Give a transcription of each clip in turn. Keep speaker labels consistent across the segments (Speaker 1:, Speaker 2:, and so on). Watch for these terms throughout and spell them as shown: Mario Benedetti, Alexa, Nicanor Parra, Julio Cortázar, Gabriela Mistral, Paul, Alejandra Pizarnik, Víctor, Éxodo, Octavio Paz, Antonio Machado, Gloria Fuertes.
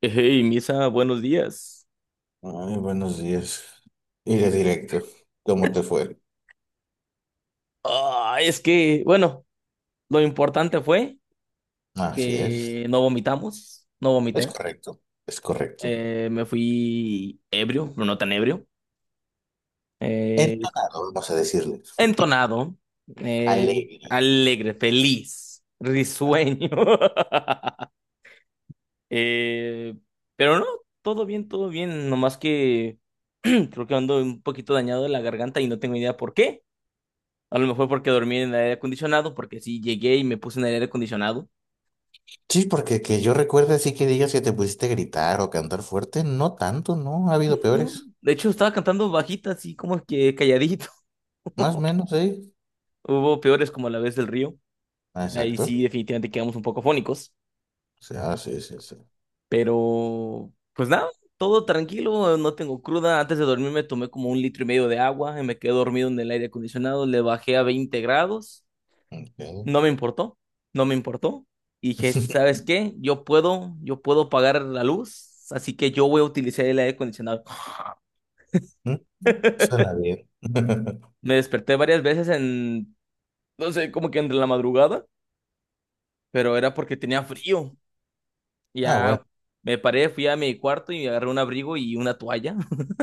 Speaker 1: Hey, Misa, buenos días.
Speaker 2: Ay, buenos días. Y de directo, ¿cómo te fue?
Speaker 1: Ah, es que, bueno, lo importante fue
Speaker 2: Así es.
Speaker 1: que no vomitamos, no
Speaker 2: Es
Speaker 1: vomité.
Speaker 2: correcto, es correcto.
Speaker 1: Me fui ebrio, pero no tan ebrio. Eh,
Speaker 2: Entonado, vamos a decirle.
Speaker 1: Entonado, eh,
Speaker 2: Alegre.
Speaker 1: alegre, feliz, risueño. Eh, pero no, todo bien, todo bien. Nomás que creo que ando un poquito dañado de la garganta y no tengo idea por qué. A lo mejor porque dormí en el aire acondicionado, porque sí llegué y me puse en el aire acondicionado.
Speaker 2: Sí, porque que yo recuerde así que digas que te pusiste a gritar o cantar fuerte, no tanto, no, ha habido peores.
Speaker 1: Ujú. De hecho, estaba cantando bajita, así como que calladito.
Speaker 2: Más o menos, sí.
Speaker 1: Hubo peores como la vez del río.
Speaker 2: Ah,
Speaker 1: Ahí sí,
Speaker 2: exacto.
Speaker 1: definitivamente quedamos un poco fónicos.
Speaker 2: O sea, sí, sí, sí.
Speaker 1: Pero, pues nada, todo tranquilo, no tengo cruda. Antes de dormir me tomé como un litro y medio de agua y me quedé dormido en el aire acondicionado. Le bajé a 20 grados.
Speaker 2: Ok.
Speaker 1: No me importó, no me importó. Y dije, ¿sabes qué? Yo puedo pagar la luz, así que yo voy a utilizar el aire acondicionado.
Speaker 2: Mm, Suena bien.
Speaker 1: Me desperté varias veces no sé, como que entre la madrugada, pero era porque tenía frío.
Speaker 2: Ah,
Speaker 1: Ya
Speaker 2: bueno.
Speaker 1: me paré, fui a mi cuarto y agarré un abrigo y una toalla.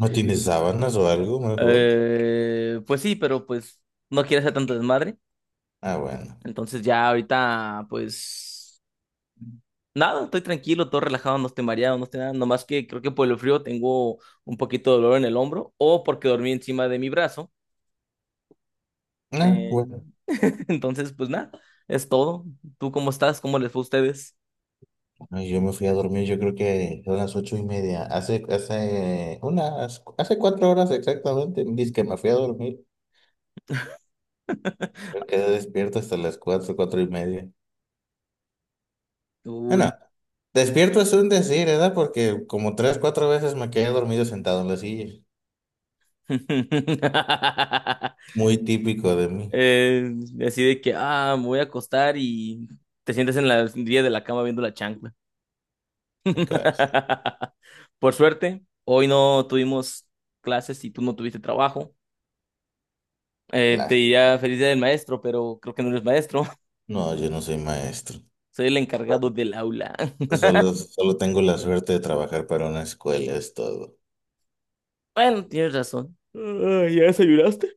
Speaker 2: ¿No tienes sábanas o algo mejor?
Speaker 1: Pues sí, pero pues no quiero hacer tanto desmadre.
Speaker 2: Ah, bueno.
Speaker 1: Entonces ya ahorita, pues nada, estoy tranquilo, todo relajado, no estoy mareado, no estoy nada. Nomás que creo que por el frío tengo un poquito de dolor en el hombro o porque dormí encima de mi brazo.
Speaker 2: Ah,
Speaker 1: Eh,
Speaker 2: bueno.
Speaker 1: entonces, pues nada, es todo. ¿Tú cómo estás? ¿Cómo les fue a ustedes?
Speaker 2: Ay, yo me fui a dormir, yo creo que son las 8:30. Hace 4 horas exactamente, dice que me fui a dormir. Yo quedé despierto hasta las 4:00, 4:30. Bueno,
Speaker 1: Uy.
Speaker 2: despierto es un decir, ¿verdad? Porque como tres, cuatro veces me quedé dormido sentado en la silla. Muy típico de mí.
Speaker 1: Eh, Así de que, ah, me voy a acostar y te sientes en la orilla de la cama viendo la chancla.
Speaker 2: Acá, sí.
Speaker 1: Por suerte, hoy no tuvimos clases y tú no tuviste trabajo. Te
Speaker 2: Lástima.
Speaker 1: diría feliz día del maestro, pero creo que no eres maestro.
Speaker 2: No, yo no soy maestro.
Speaker 1: Soy el encargado del aula.
Speaker 2: Solo tengo la suerte de trabajar para una escuela, es todo.
Speaker 1: Bueno, tienes razón. Ah, ¿ya desayunaste?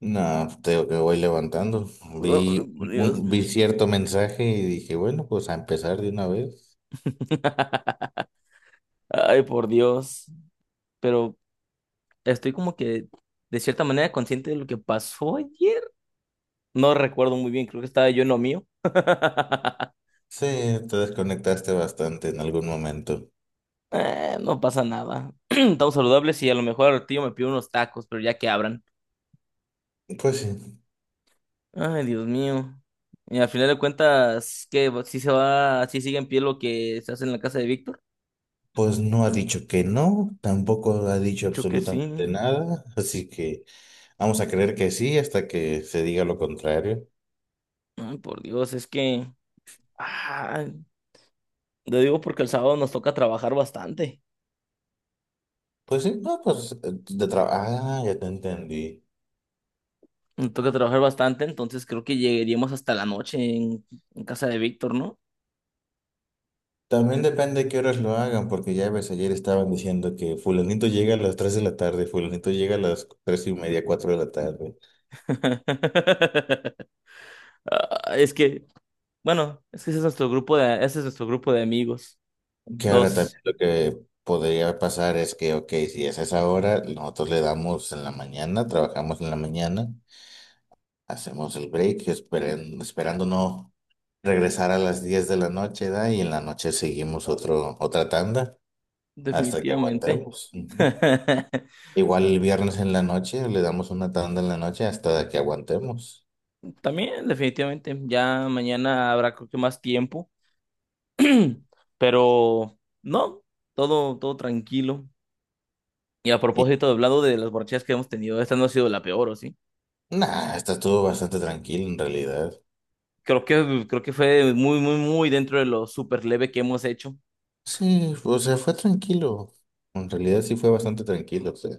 Speaker 2: No, tengo que voy levantando.
Speaker 1: Oh,
Speaker 2: Vi,
Speaker 1: por Dios.
Speaker 2: un- vi cierto mensaje y dije, bueno, pues a empezar de una vez.
Speaker 1: Ay, por Dios. Pero estoy como que de cierta manera consciente de lo que pasó ayer. No recuerdo muy bien, creo que estaba yo en lo mío.
Speaker 2: Sí, te desconectaste bastante en algún momento.
Speaker 1: No pasa nada. Estamos saludables y a lo mejor el tío me pide unos tacos, pero ya que abran.
Speaker 2: Pues sí,
Speaker 1: Ay, Dios mío. Y al final de cuentas, ¿qué? ¿Si se va, si sigue en pie lo que se hace en la casa de Víctor?
Speaker 2: pues no ha dicho que no, tampoco ha dicho
Speaker 1: Dicho que sí.
Speaker 2: absolutamente nada, así que vamos a creer que sí hasta que se diga lo contrario.
Speaker 1: Ay, por Dios, es que... ah, lo digo porque el sábado nos toca trabajar bastante.
Speaker 2: Pues sí, no, pues de trabajo. Ah, ya te entendí.
Speaker 1: Me toca trabajar bastante, entonces creo que llegaríamos hasta la noche en casa de Víctor, ¿no?
Speaker 2: También depende de qué horas lo hagan, porque ya ves, ayer estaban diciendo que fulanito llega a las 3 de la tarde, fulanito llega a las 3:30, 4 de la tarde.
Speaker 1: Es que, bueno, es que ese es nuestro grupo de, ese es nuestro grupo de amigos.
Speaker 2: Que ahora
Speaker 1: Dos,
Speaker 2: también lo que podría pasar es que, ok, si es a esa hora, nosotros le damos en la mañana, trabajamos en la mañana, hacemos el break, esperando no regresar a las 10 de la noche, ¿da? Y en la noche seguimos otra tanda hasta que
Speaker 1: definitivamente.
Speaker 2: aguantemos. Ujú. Igual el viernes en la noche, le damos una tanda en la noche hasta que aguantemos.
Speaker 1: También, definitivamente. Ya mañana habrá creo que más tiempo. Pero no, todo tranquilo. Y a propósito, hablando de las borrachas que hemos tenido, esta no ha sido la peor, ¿o sí?
Speaker 2: Nah, esta estuvo bastante tranquilo en realidad.
Speaker 1: Creo que fue muy, muy, muy dentro de lo súper leve que hemos hecho,
Speaker 2: Sí, o sea, fue tranquilo. En realidad sí fue bastante tranquilo. O sea,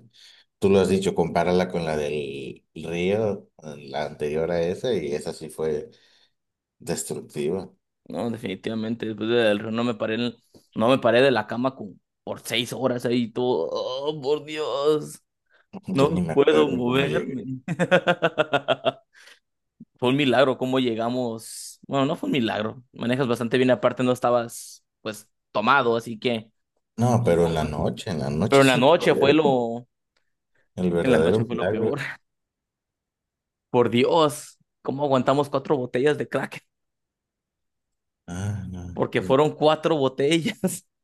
Speaker 2: tú lo has dicho, compárala con la del río, la anterior a esa, y esa sí fue destructiva.
Speaker 1: ¿no? Definitivamente, después del Río no me paré, no me paré de la cama con, por seis horas ahí, todo, oh, por Dios,
Speaker 2: Yo ni
Speaker 1: no
Speaker 2: me
Speaker 1: puedo
Speaker 2: acuerdo cómo llegué.
Speaker 1: moverme. Fue un milagro cómo llegamos, bueno, no fue un milagro, manejas bastante bien, aparte no estabas, pues, tomado, así que,
Speaker 2: No, pero en la noche
Speaker 1: pero en
Speaker 2: es
Speaker 1: la
Speaker 2: el
Speaker 1: noche fue
Speaker 2: problema,
Speaker 1: lo,
Speaker 2: el
Speaker 1: en la
Speaker 2: verdadero
Speaker 1: noche fue lo peor,
Speaker 2: milagro.
Speaker 1: por Dios, ¿cómo aguantamos cuatro botellas de crack?
Speaker 2: Ah, no.
Speaker 1: Porque fueron cuatro botellas.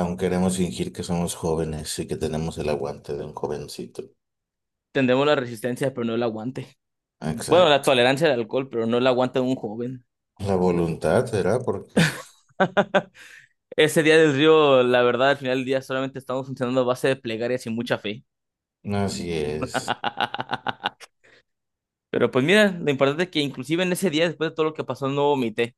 Speaker 2: Aún queremos fingir que somos jóvenes y que tenemos el aguante de un jovencito.
Speaker 1: Tendremos la resistencia, pero no el aguante. Bueno, la
Speaker 2: Exacto.
Speaker 1: tolerancia al alcohol, pero no el aguante de un joven.
Speaker 2: La voluntad será porque
Speaker 1: Ese día del río, la verdad, al final del día solamente estamos funcionando a base de plegarias y mucha fe.
Speaker 2: no, así es.
Speaker 1: Pero pues mira, lo importante es que inclusive en ese día, después de todo lo que pasó, no vomité.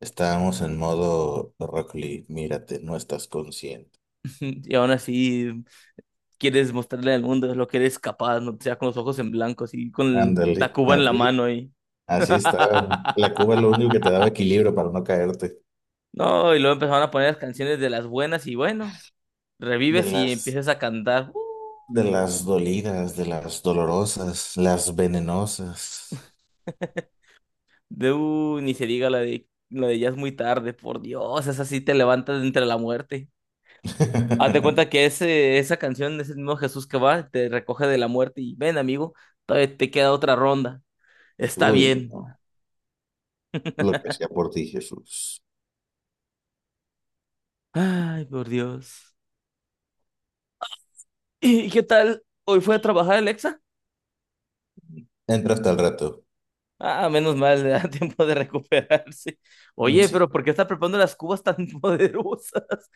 Speaker 2: Estábamos en modo Rock Lee, mírate, no estás consciente.
Speaker 1: Y aún así quieres mostrarle al mundo lo que eres capaz, no sea con los ojos en blanco, así con la
Speaker 2: Ándale,
Speaker 1: cuba en la
Speaker 2: así,
Speaker 1: mano y...
Speaker 2: así está. La cuba lo único que te daba equilibrio para no caerte.
Speaker 1: No, y luego empezaron a poner las canciones de las buenas y bueno,
Speaker 2: De
Speaker 1: revives y
Speaker 2: las,
Speaker 1: empiezas a cantar. ¡Uh!
Speaker 2: de las dolidas, de las dolorosas, las venenosas.
Speaker 1: De ni se diga la de ya es muy tarde, por Dios, esa sí te levantas de entre la muerte. Hazte cuenta que esa canción es el mismo Jesús que va, te recoge de la muerte y ven, amigo, todavía te queda otra ronda. Está
Speaker 2: Uy,
Speaker 1: bien.
Speaker 2: no, lo que hacía por ti, Jesús.
Speaker 1: Ay, por Dios. ¿Y qué tal? ¿Hoy fue a trabajar Alexa?
Speaker 2: Entra hasta el rato.
Speaker 1: Ah, menos mal, le da tiempo de recuperarse.
Speaker 2: Mm,
Speaker 1: Oye, pero
Speaker 2: sí.
Speaker 1: ¿por qué está preparando las cubas tan poderosas?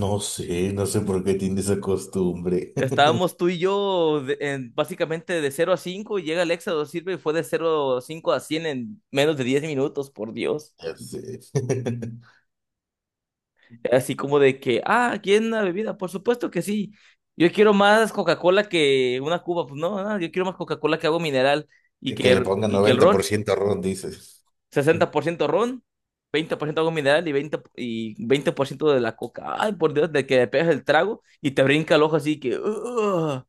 Speaker 2: No sé, no sé por qué tiene esa costumbre.
Speaker 1: Estábamos tú y yo básicamente de cero a 5 y llega el Éxodo, sirve y fue de cero a 5 a 100 en menos de 10 minutos, por Dios.
Speaker 2: Ya sé.
Speaker 1: Así como de que, ah, ¿quieren una bebida? Por supuesto que sí. Yo quiero más Coca-Cola que una Cuba. Pues no, ah, yo quiero más Coca-Cola que agua mineral y que,
Speaker 2: Que le ponga
Speaker 1: y que el
Speaker 2: noventa por
Speaker 1: ron.
Speaker 2: ciento ron, dices.
Speaker 1: Sesenta por ciento ron, 20% agua mineral y y 20% de la coca. Ay, por Dios, de que le pegas el trago y te brinca el ojo así que... "Ugh,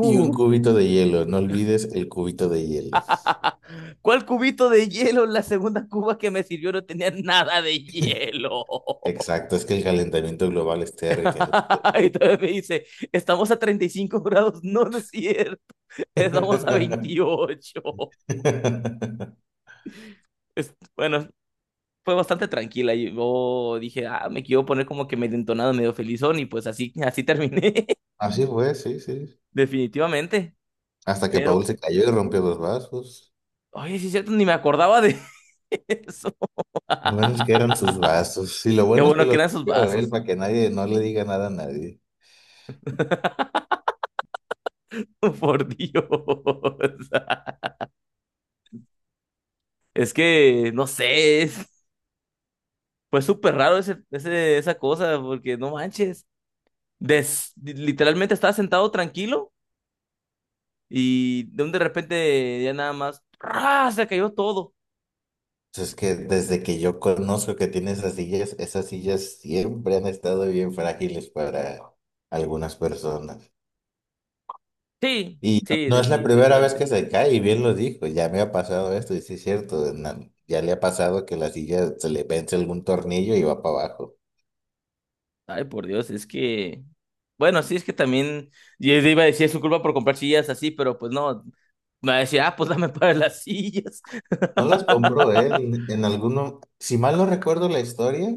Speaker 2: Y un cubito de hielo, no olvides el cubito de hielo.
Speaker 1: ¿Cuál cubito de hielo? La segunda cuba que me sirvió no tenía nada de hielo.
Speaker 2: Exacto, es que el calentamiento global está derritiendo.
Speaker 1: Y todavía me dice, estamos a 35 grados, no, no es cierto, estamos a 28". Bueno, fue bastante tranquila. Y yo dije, ah, me quiero poner como que medio entonado, medio felizón, y pues así, así terminé,
Speaker 2: Así fue, sí, sí.
Speaker 1: definitivamente.
Speaker 2: Hasta que
Speaker 1: Pero,
Speaker 2: Paul se cayó y rompió los vasos.
Speaker 1: oye, sí es cierto, ni me acordaba de eso.
Speaker 2: Buenos que eran sus vasos. Y lo
Speaker 1: Qué
Speaker 2: bueno es que
Speaker 1: bueno que
Speaker 2: los
Speaker 1: eran esos
Speaker 2: rompió él
Speaker 1: vasos.
Speaker 2: para que nadie no le diga nada a nadie.
Speaker 1: Por Dios. Es que, no sé, fue súper raro esa cosa, porque no manches. Literalmente estaba sentado tranquilo y de repente ya nada más ¡ra! Se cayó todo.
Speaker 2: Entonces, que desde que yo conozco que tiene esas sillas siempre han estado bien frágiles para algunas personas.
Speaker 1: Sí,
Speaker 2: Y no
Speaker 1: sí,
Speaker 2: no es la primera vez
Speaker 1: definitivamente.
Speaker 2: que se cae, y bien lo dijo, ya me ha pasado esto, y sí es cierto, ya le ha pasado que la silla se le vence algún tornillo y va para abajo.
Speaker 1: Ay, por Dios, es que. Bueno, sí, es que también. Yo iba a decir, es su culpa por comprar sillas así, pero pues no. Me va a decir, ah, pues dame para las sillas.
Speaker 2: No las compró él, en alguno, si mal no recuerdo la historia,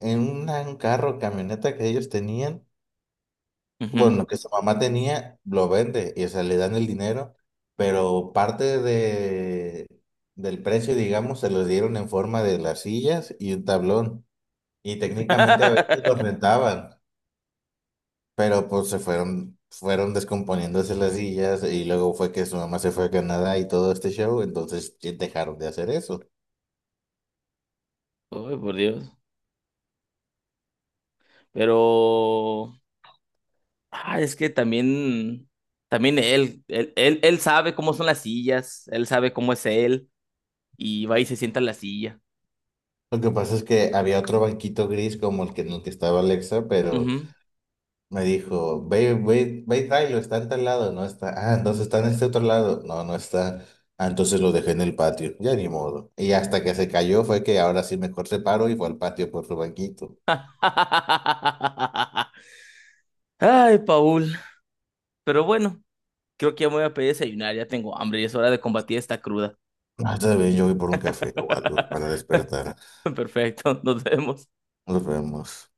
Speaker 2: en un carro, camioneta que ellos tenían,
Speaker 1: Ujú.
Speaker 2: bueno, que su mamá tenía, lo vende, y o sea, le dan el dinero, pero parte del precio, digamos, se los dieron en forma de las sillas y un tablón, y técnicamente a veces los rentaban. Pero pues fueron descomponiéndose las sillas y luego fue que su mamá se fue a Canadá y todo este show, entonces ya dejaron de hacer eso.
Speaker 1: Ay, por Dios. Pero ah, es que también, también él sabe cómo son las sillas, él sabe cómo es él, y va y se sienta en la silla.
Speaker 2: Lo que pasa es que había otro banquito gris como el que en el que estaba Alexa, pero
Speaker 1: Ujú.
Speaker 2: me dijo, ve, ve, ve y tráelo, está en tal lado, no está. Ah, entonces está en este otro lado. No, no está. Ah, entonces lo dejé en el patio, ya ni modo. Y hasta que se cayó fue que ahora sí mejor se paró y fue al patio por su banquito.
Speaker 1: Ay, Paul. Pero bueno, creo que ya me voy a pedir desayunar, ya tengo hambre y es hora de combatir esta cruda.
Speaker 2: Ah, está bien, yo voy por un café o algo para despertar.
Speaker 1: Perfecto, nos vemos.
Speaker 2: Nos vemos.